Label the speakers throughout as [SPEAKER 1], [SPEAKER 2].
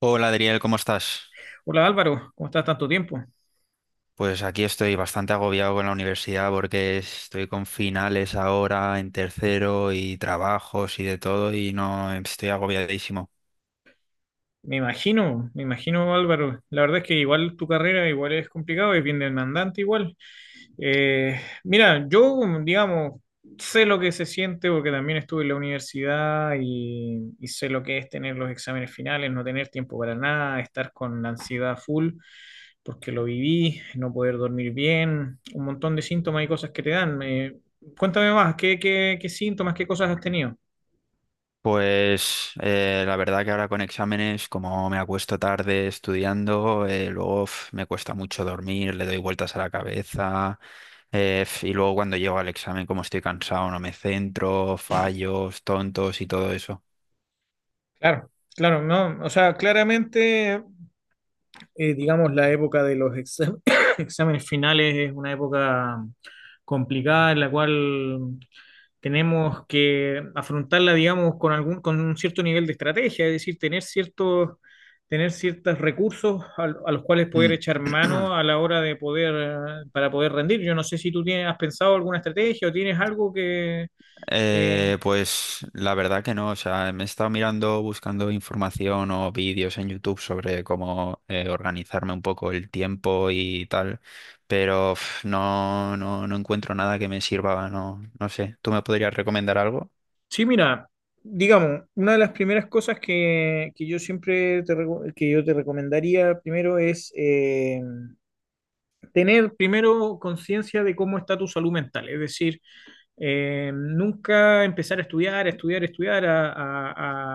[SPEAKER 1] Hola Adriel, ¿cómo estás?
[SPEAKER 2] Hola Álvaro, ¿cómo estás tanto tiempo?
[SPEAKER 1] Pues aquí estoy bastante agobiado con la universidad porque estoy con finales ahora en tercero y trabajos y de todo y no estoy agobiadísimo.
[SPEAKER 2] Me imagino Álvaro, la verdad es que igual tu carrera igual es complicado, es bien demandante igual. Mira, yo digamos, sé lo que se siente porque también estuve en la universidad y sé lo que es tener los exámenes finales, no tener tiempo para nada, estar con ansiedad full porque lo viví, no poder dormir bien, un montón de síntomas y cosas que te dan. Cuéntame más, ¿qué síntomas, qué cosas has tenido?
[SPEAKER 1] Pues la verdad que ahora con exámenes, como me acuesto tarde estudiando, luego uf, me cuesta mucho dormir, le doy vueltas a la cabeza y luego cuando llego al examen, como estoy cansado, no me centro, fallos, tontos y todo eso.
[SPEAKER 2] Claro, claro, no, o sea, claramente, digamos, la época de los exámenes finales es una época complicada en la cual tenemos que afrontarla, digamos, con un cierto nivel de estrategia, es decir, tener ciertos recursos los cuales poder
[SPEAKER 1] Mm.
[SPEAKER 2] echar mano a la hora de poder, para poder rendir. Yo no sé si tú tienes, has pensado alguna estrategia o tienes algo que,
[SPEAKER 1] Pues la verdad que no, o sea, me he estado mirando, buscando información o vídeos en YouTube sobre cómo organizarme un poco el tiempo y tal, pero uf, no encuentro nada que me sirva, no sé. ¿Tú me podrías recomendar algo?
[SPEAKER 2] sí, mira, digamos, una de las primeras cosas que yo siempre que yo te recomendaría primero es tener primero conciencia de cómo está tu salud mental. Es decir, nunca empezar a estudiar, a estudiar, a estudiar, a, a-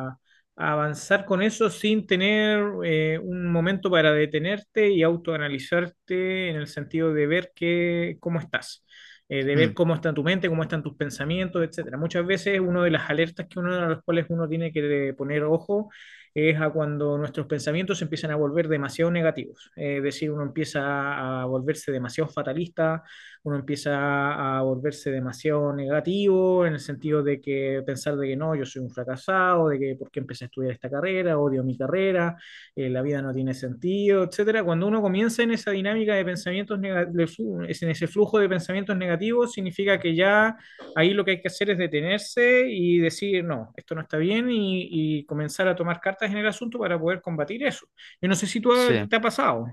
[SPEAKER 2] a- a avanzar con eso sin tener un momento para detenerte y autoanalizarte en el sentido de ver cómo estás, de ver
[SPEAKER 1] Mm,
[SPEAKER 2] cómo está tu mente, cómo están tus pensamientos, etcétera. Muchas veces una de las alertas que uno a las cuales uno tiene que poner ojo es a cuando nuestros pensamientos se empiezan a volver demasiado negativos, es decir, uno empieza a volverse demasiado fatalista, uno empieza a volverse demasiado negativo en el sentido de que pensar de que no, yo soy un fracasado, de que por qué empecé a estudiar esta carrera, odio mi carrera, la vida no tiene sentido, etcétera. Cuando uno comienza en esa dinámica de pensamientos negativos, en ese flujo de pensamientos negativos, significa que ya ahí lo que hay que hacer es detenerse y decir, no, esto no está bien y comenzar a tomar cartas en el asunto para poder combatir eso. Yo no sé si tú
[SPEAKER 1] sí.
[SPEAKER 2] te ha pasado.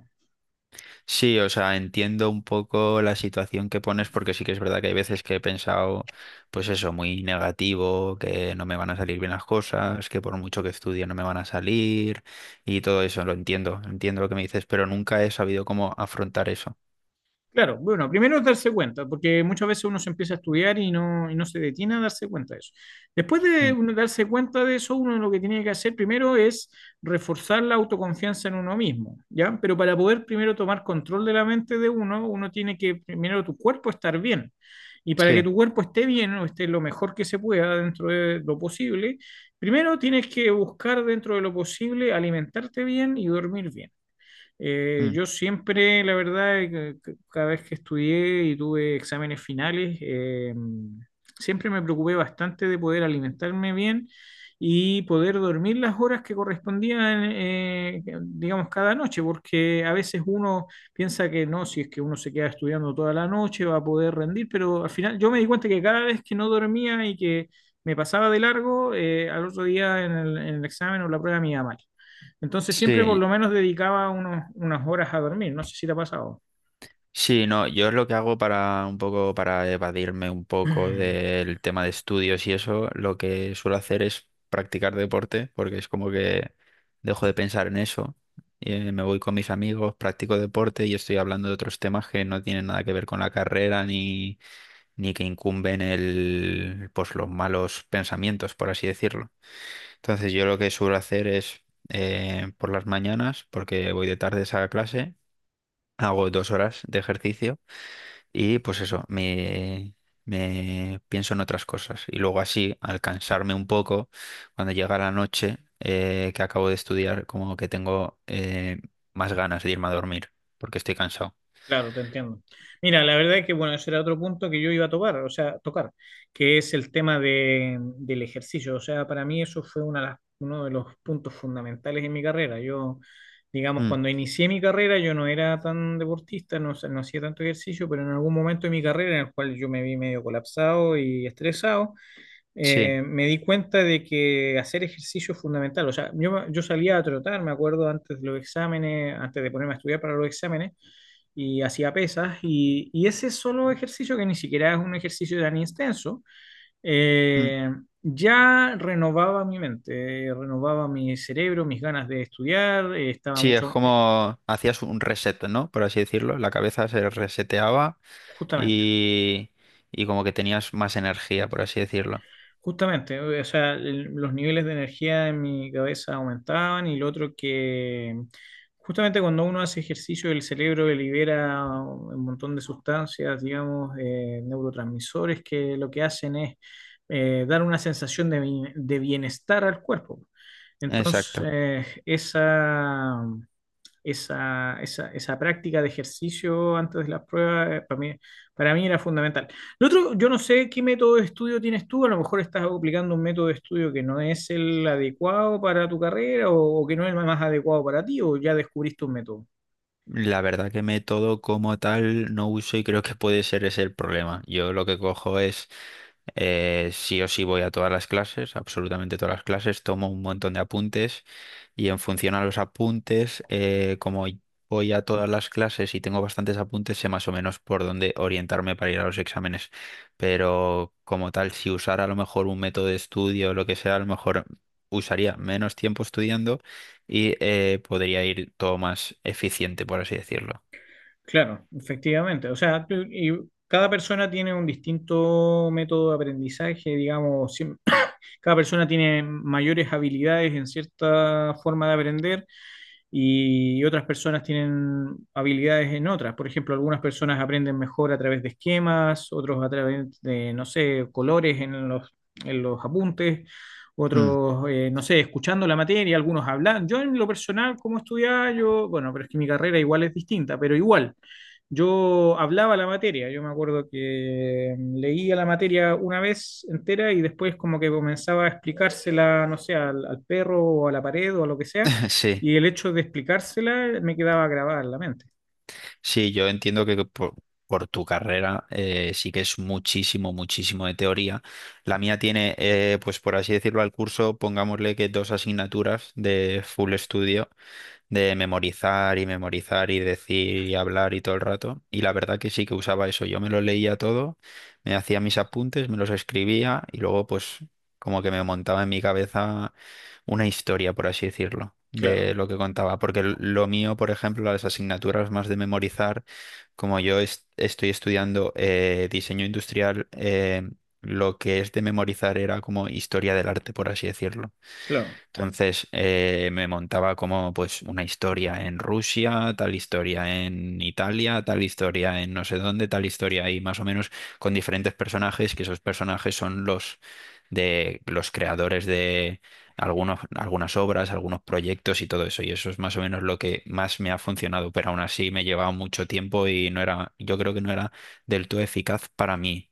[SPEAKER 1] Sí, o sea, entiendo un poco la situación que pones porque sí que es verdad que hay veces que he pensado, pues eso, muy negativo, que no me van a salir bien las cosas, que por mucho que estudie no me van a salir y todo eso, lo entiendo, entiendo lo que me dices, pero nunca he sabido cómo afrontar eso.
[SPEAKER 2] Claro, bueno, primero es darse cuenta, porque muchas veces uno se empieza a estudiar y no, se detiene a darse cuenta de eso. Después de
[SPEAKER 1] Mm.
[SPEAKER 2] uno darse cuenta de eso, uno lo que tiene que hacer primero es reforzar la autoconfianza en uno mismo, ¿ya? Pero para poder primero tomar control de la mente de uno, uno tiene que primero tu cuerpo estar bien. Y para
[SPEAKER 1] Sí.
[SPEAKER 2] que tu cuerpo esté bien o esté lo mejor que se pueda dentro de lo posible, primero tienes que buscar dentro de lo posible alimentarte bien y dormir bien. Eh,
[SPEAKER 1] Mm,
[SPEAKER 2] yo siempre, la verdad, cada vez que estudié y tuve exámenes finales, siempre me preocupé bastante de poder alimentarme bien y poder dormir las horas que correspondían, digamos, cada noche, porque a veces uno piensa que no, si es que uno se queda estudiando toda la noche va a poder rendir, pero al final yo me di cuenta que cada vez que no dormía y que me pasaba de largo, al otro día en el, examen o la prueba me iba mal. Entonces siempre por
[SPEAKER 1] sí.
[SPEAKER 2] lo menos dedicaba unas horas a dormir. No sé si te ha pasado.
[SPEAKER 1] Sí, no, yo lo que hago para un poco, para evadirme un poco del tema de estudios y eso, lo que suelo hacer es practicar deporte, porque es como que dejo de pensar en eso. Y, me voy con mis amigos, practico deporte y estoy hablando de otros temas que no tienen nada que ver con la carrera ni, ni que incumben el, pues los malos pensamientos, por así decirlo. Entonces yo lo que suelo hacer es por las mañanas, porque voy de tardes a clase, hago 2 horas de ejercicio y pues eso, me pienso en otras cosas. Y luego así, al cansarme un poco, cuando llega la noche que acabo de estudiar, como que tengo más ganas de irme a dormir, porque estoy cansado.
[SPEAKER 2] Claro, te entiendo. Mira, la verdad es que, bueno, ese era otro punto que yo iba a tocar, o sea, tocar, que es el tema del ejercicio. O sea, para mí eso fue uno de los puntos fundamentales en mi carrera. Yo, digamos,
[SPEAKER 1] Mm,
[SPEAKER 2] cuando inicié mi carrera, yo no era tan deportista, no, no hacía tanto ejercicio, pero en algún momento de mi carrera, en el cual yo me vi medio colapsado y estresado,
[SPEAKER 1] sí.
[SPEAKER 2] me di cuenta de que hacer ejercicio es fundamental. O sea, yo salía a trotar, me acuerdo, antes de los exámenes, antes de ponerme a estudiar para los exámenes, y hacía pesas, y ese solo ejercicio, que ni siquiera es un ejercicio tan extenso,
[SPEAKER 1] Mm,
[SPEAKER 2] eh, ya renovaba mi mente, renovaba mi cerebro, mis ganas de estudiar, estaba
[SPEAKER 1] sí, es
[SPEAKER 2] mucho,
[SPEAKER 1] como hacías un reset, ¿no? Por así decirlo. La cabeza se reseteaba
[SPEAKER 2] justamente.
[SPEAKER 1] y, y como que tenías más energía, por así decirlo.
[SPEAKER 2] Justamente, o sea, los niveles de energía en mi cabeza aumentaban y lo otro que justamente cuando uno hace ejercicio el cerebro libera un montón de sustancias, digamos, neurotransmisores que lo que hacen es dar una sensación de, de bienestar al cuerpo. Entonces,
[SPEAKER 1] Exacto.
[SPEAKER 2] esa práctica de ejercicio antes de las pruebas, para mí, era fundamental. Lo otro, yo no sé qué método de estudio tienes tú, a lo mejor estás aplicando un método de estudio que no es el adecuado para tu carrera o que no es el más adecuado para ti, o ya descubriste un método.
[SPEAKER 1] La verdad que método como tal no uso y creo que puede ser ese el problema. Yo lo que cojo es, sí o sí voy a todas las clases, absolutamente todas las clases, tomo un montón de apuntes y en función a los apuntes, como voy a todas las clases y tengo bastantes apuntes, sé más o menos por dónde orientarme para ir a los exámenes. Pero como tal, si usara a lo mejor un método de estudio o lo que sea, a lo mejor usaría menos tiempo estudiando y podría ir todo más eficiente, por así decirlo.
[SPEAKER 2] Claro, efectivamente. O sea, cada persona tiene un distinto método de aprendizaje, digamos, cada persona tiene mayores habilidades en cierta forma de aprender y otras personas tienen habilidades en otras. Por ejemplo, algunas personas aprenden mejor a través de esquemas, otros a través de, no sé, colores en los, apuntes,
[SPEAKER 1] Mm.
[SPEAKER 2] otros, no sé, escuchando la materia, algunos hablan. Yo en lo personal, como estudiaba, yo, bueno, pero es que mi carrera igual es distinta, pero igual. Yo hablaba la materia, yo me acuerdo que leía la materia una vez entera y después como que comenzaba a explicársela, no sé, al perro o a la pared o a lo que sea,
[SPEAKER 1] Sí,
[SPEAKER 2] y el hecho de explicársela me quedaba grabada en la mente.
[SPEAKER 1] sí, yo entiendo que por tu carrera sí que es muchísimo, muchísimo de teoría. La mía tiene, pues por así decirlo, al curso, pongámosle que dos asignaturas de full estudio de memorizar y memorizar y decir y hablar y todo el rato. Y la verdad que sí que usaba eso. Yo me lo leía todo, me hacía mis apuntes, me los escribía y luego pues como que me montaba en mi cabeza una historia, por así decirlo,
[SPEAKER 2] Claro,
[SPEAKER 1] de lo que contaba. Porque lo mío, por ejemplo, las asignaturas más de memorizar, como estoy estudiando diseño industrial, lo que es de memorizar era como historia del arte, por así decirlo.
[SPEAKER 2] claro,
[SPEAKER 1] Entonces me montaba como pues una historia en Rusia, tal historia en Italia, tal historia en no sé dónde, tal historia ahí más o menos con diferentes personajes, que esos personajes son los de los creadores de algunos, algunas obras, algunos proyectos y todo eso. Y eso es más o menos lo que más me ha funcionado, pero aún así me llevaba mucho tiempo y no era, yo creo que no era del todo eficaz para mí.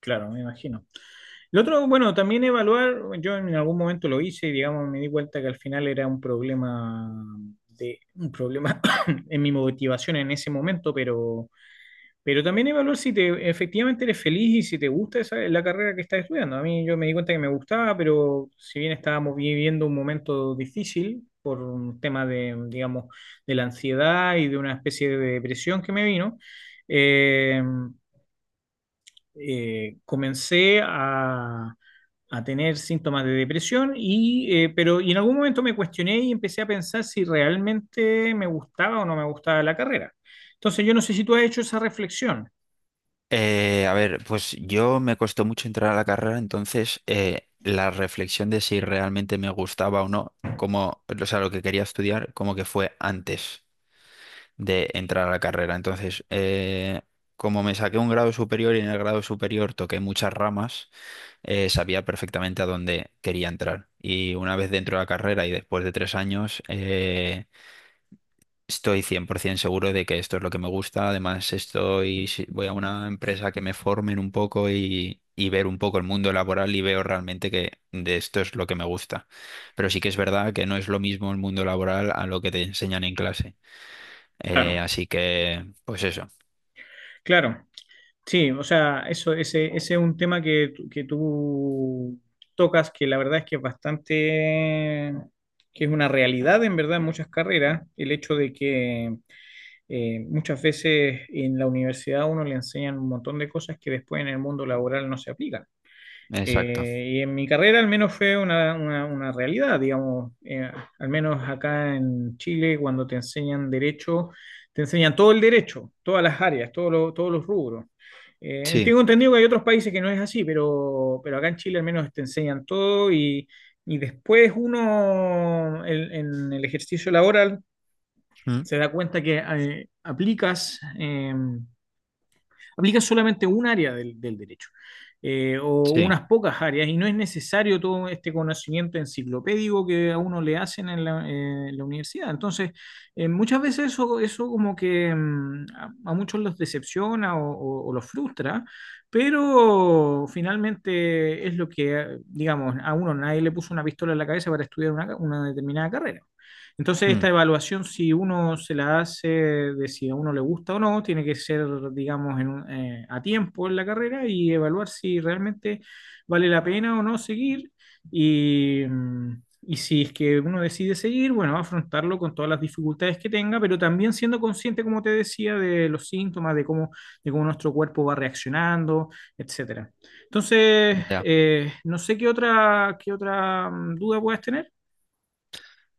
[SPEAKER 2] claro, me imagino. El otro, bueno, también evaluar, yo en algún momento lo hice y digamos me di cuenta que al final era un problema en mi motivación en ese momento, pero también evaluar si efectivamente eres feliz y si te gusta esa, la carrera que estás estudiando. A mí yo me di cuenta que me gustaba, pero si bien estábamos viviendo un momento difícil por un tema de, digamos, de la ansiedad y de una especie de depresión que me vino, eh, comencé a, tener síntomas de depresión y, pero, y en algún momento me cuestioné y empecé a pensar si realmente me gustaba o no me gustaba la carrera. Entonces yo no sé si tú has hecho esa reflexión.
[SPEAKER 1] A ver, pues yo me costó mucho entrar a la carrera, entonces la reflexión de si realmente me gustaba o no, como, o sea, lo que quería estudiar, como que fue antes de entrar a la carrera. Entonces, como me saqué un grado superior y en el grado superior toqué muchas ramas, sabía perfectamente a dónde quería entrar. Y una vez dentro de la carrera y después de 3 años, estoy 100% seguro de que esto es lo que me gusta. Además, estoy, voy a una empresa que me formen un poco y ver un poco el mundo laboral y veo realmente que de esto es lo que me gusta. Pero sí que es verdad que no es lo mismo el mundo laboral a lo que te enseñan en clase.
[SPEAKER 2] Claro,
[SPEAKER 1] Así que, pues eso,
[SPEAKER 2] claro, sí, o sea, eso, ese es un tema que, que tú tocas, que la verdad es que es bastante, que es una realidad en verdad en muchas carreras, el hecho de que muchas veces en la universidad a uno le enseñan un montón de cosas que después en el mundo laboral no se aplican.
[SPEAKER 1] exacto.
[SPEAKER 2] Y en mi carrera al menos fue una realidad, digamos, al menos acá en Chile cuando te enseñan derecho, te enseñan todo el derecho, todas las áreas, todos los rubros. Eh,
[SPEAKER 1] Sí.
[SPEAKER 2] tengo entendido que hay otros países que no es así, acá en Chile al menos te enseñan todo y después uno en, el ejercicio laboral
[SPEAKER 1] Mm,
[SPEAKER 2] se da cuenta que aplica solamente un área del derecho o
[SPEAKER 1] sí.
[SPEAKER 2] unas pocas áreas y no es necesario todo este conocimiento enciclopédico que a uno le hacen en la universidad. Entonces, muchas veces eso, eso como que muchos los decepciona o los frustra, pero finalmente es lo que, digamos, a uno nadie le puso una pistola en la cabeza para estudiar una determinada carrera. Entonces,
[SPEAKER 1] Mm.
[SPEAKER 2] esta evaluación, si uno se la hace de si a uno le gusta o no, tiene que ser, digamos, a tiempo en la carrera y evaluar si realmente vale la pena o no seguir. Y si es que uno decide seguir, bueno, afrontarlo con todas las dificultades que tenga, pero también siendo consciente, como te decía, de los síntomas, de cómo nuestro cuerpo va reaccionando, etcétera. Entonces,
[SPEAKER 1] Ya.
[SPEAKER 2] no sé qué otra, duda puedas tener.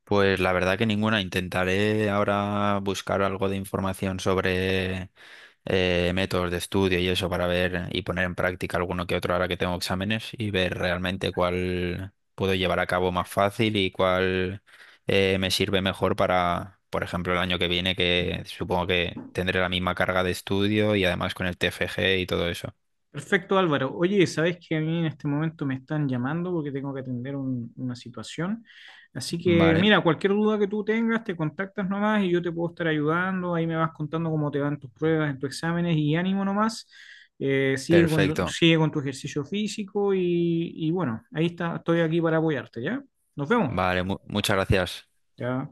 [SPEAKER 1] Pues la verdad que ninguna. Intentaré ahora buscar algo de información sobre métodos de estudio y eso para ver y poner en práctica alguno que otro ahora que tengo exámenes y ver realmente cuál puedo llevar a cabo más fácil y cuál me sirve mejor para, por ejemplo, el año que viene, que supongo que tendré la misma carga de estudio y además con el TFG y todo eso.
[SPEAKER 2] Perfecto, Álvaro. Oye, sabes que a mí en este momento me están llamando porque tengo que atender una situación. Así que,
[SPEAKER 1] Vale,
[SPEAKER 2] mira, cualquier duda que tú tengas, te contactas nomás y yo te puedo estar ayudando. Ahí me vas contando cómo te van tus pruebas, en tus exámenes y ánimo nomás. Eh, sigue con,
[SPEAKER 1] perfecto.
[SPEAKER 2] sigue con tu ejercicio físico y bueno, ahí está, estoy aquí para apoyarte, ¿ya? Nos vemos.
[SPEAKER 1] Vale, muchas gracias.
[SPEAKER 2] Ya.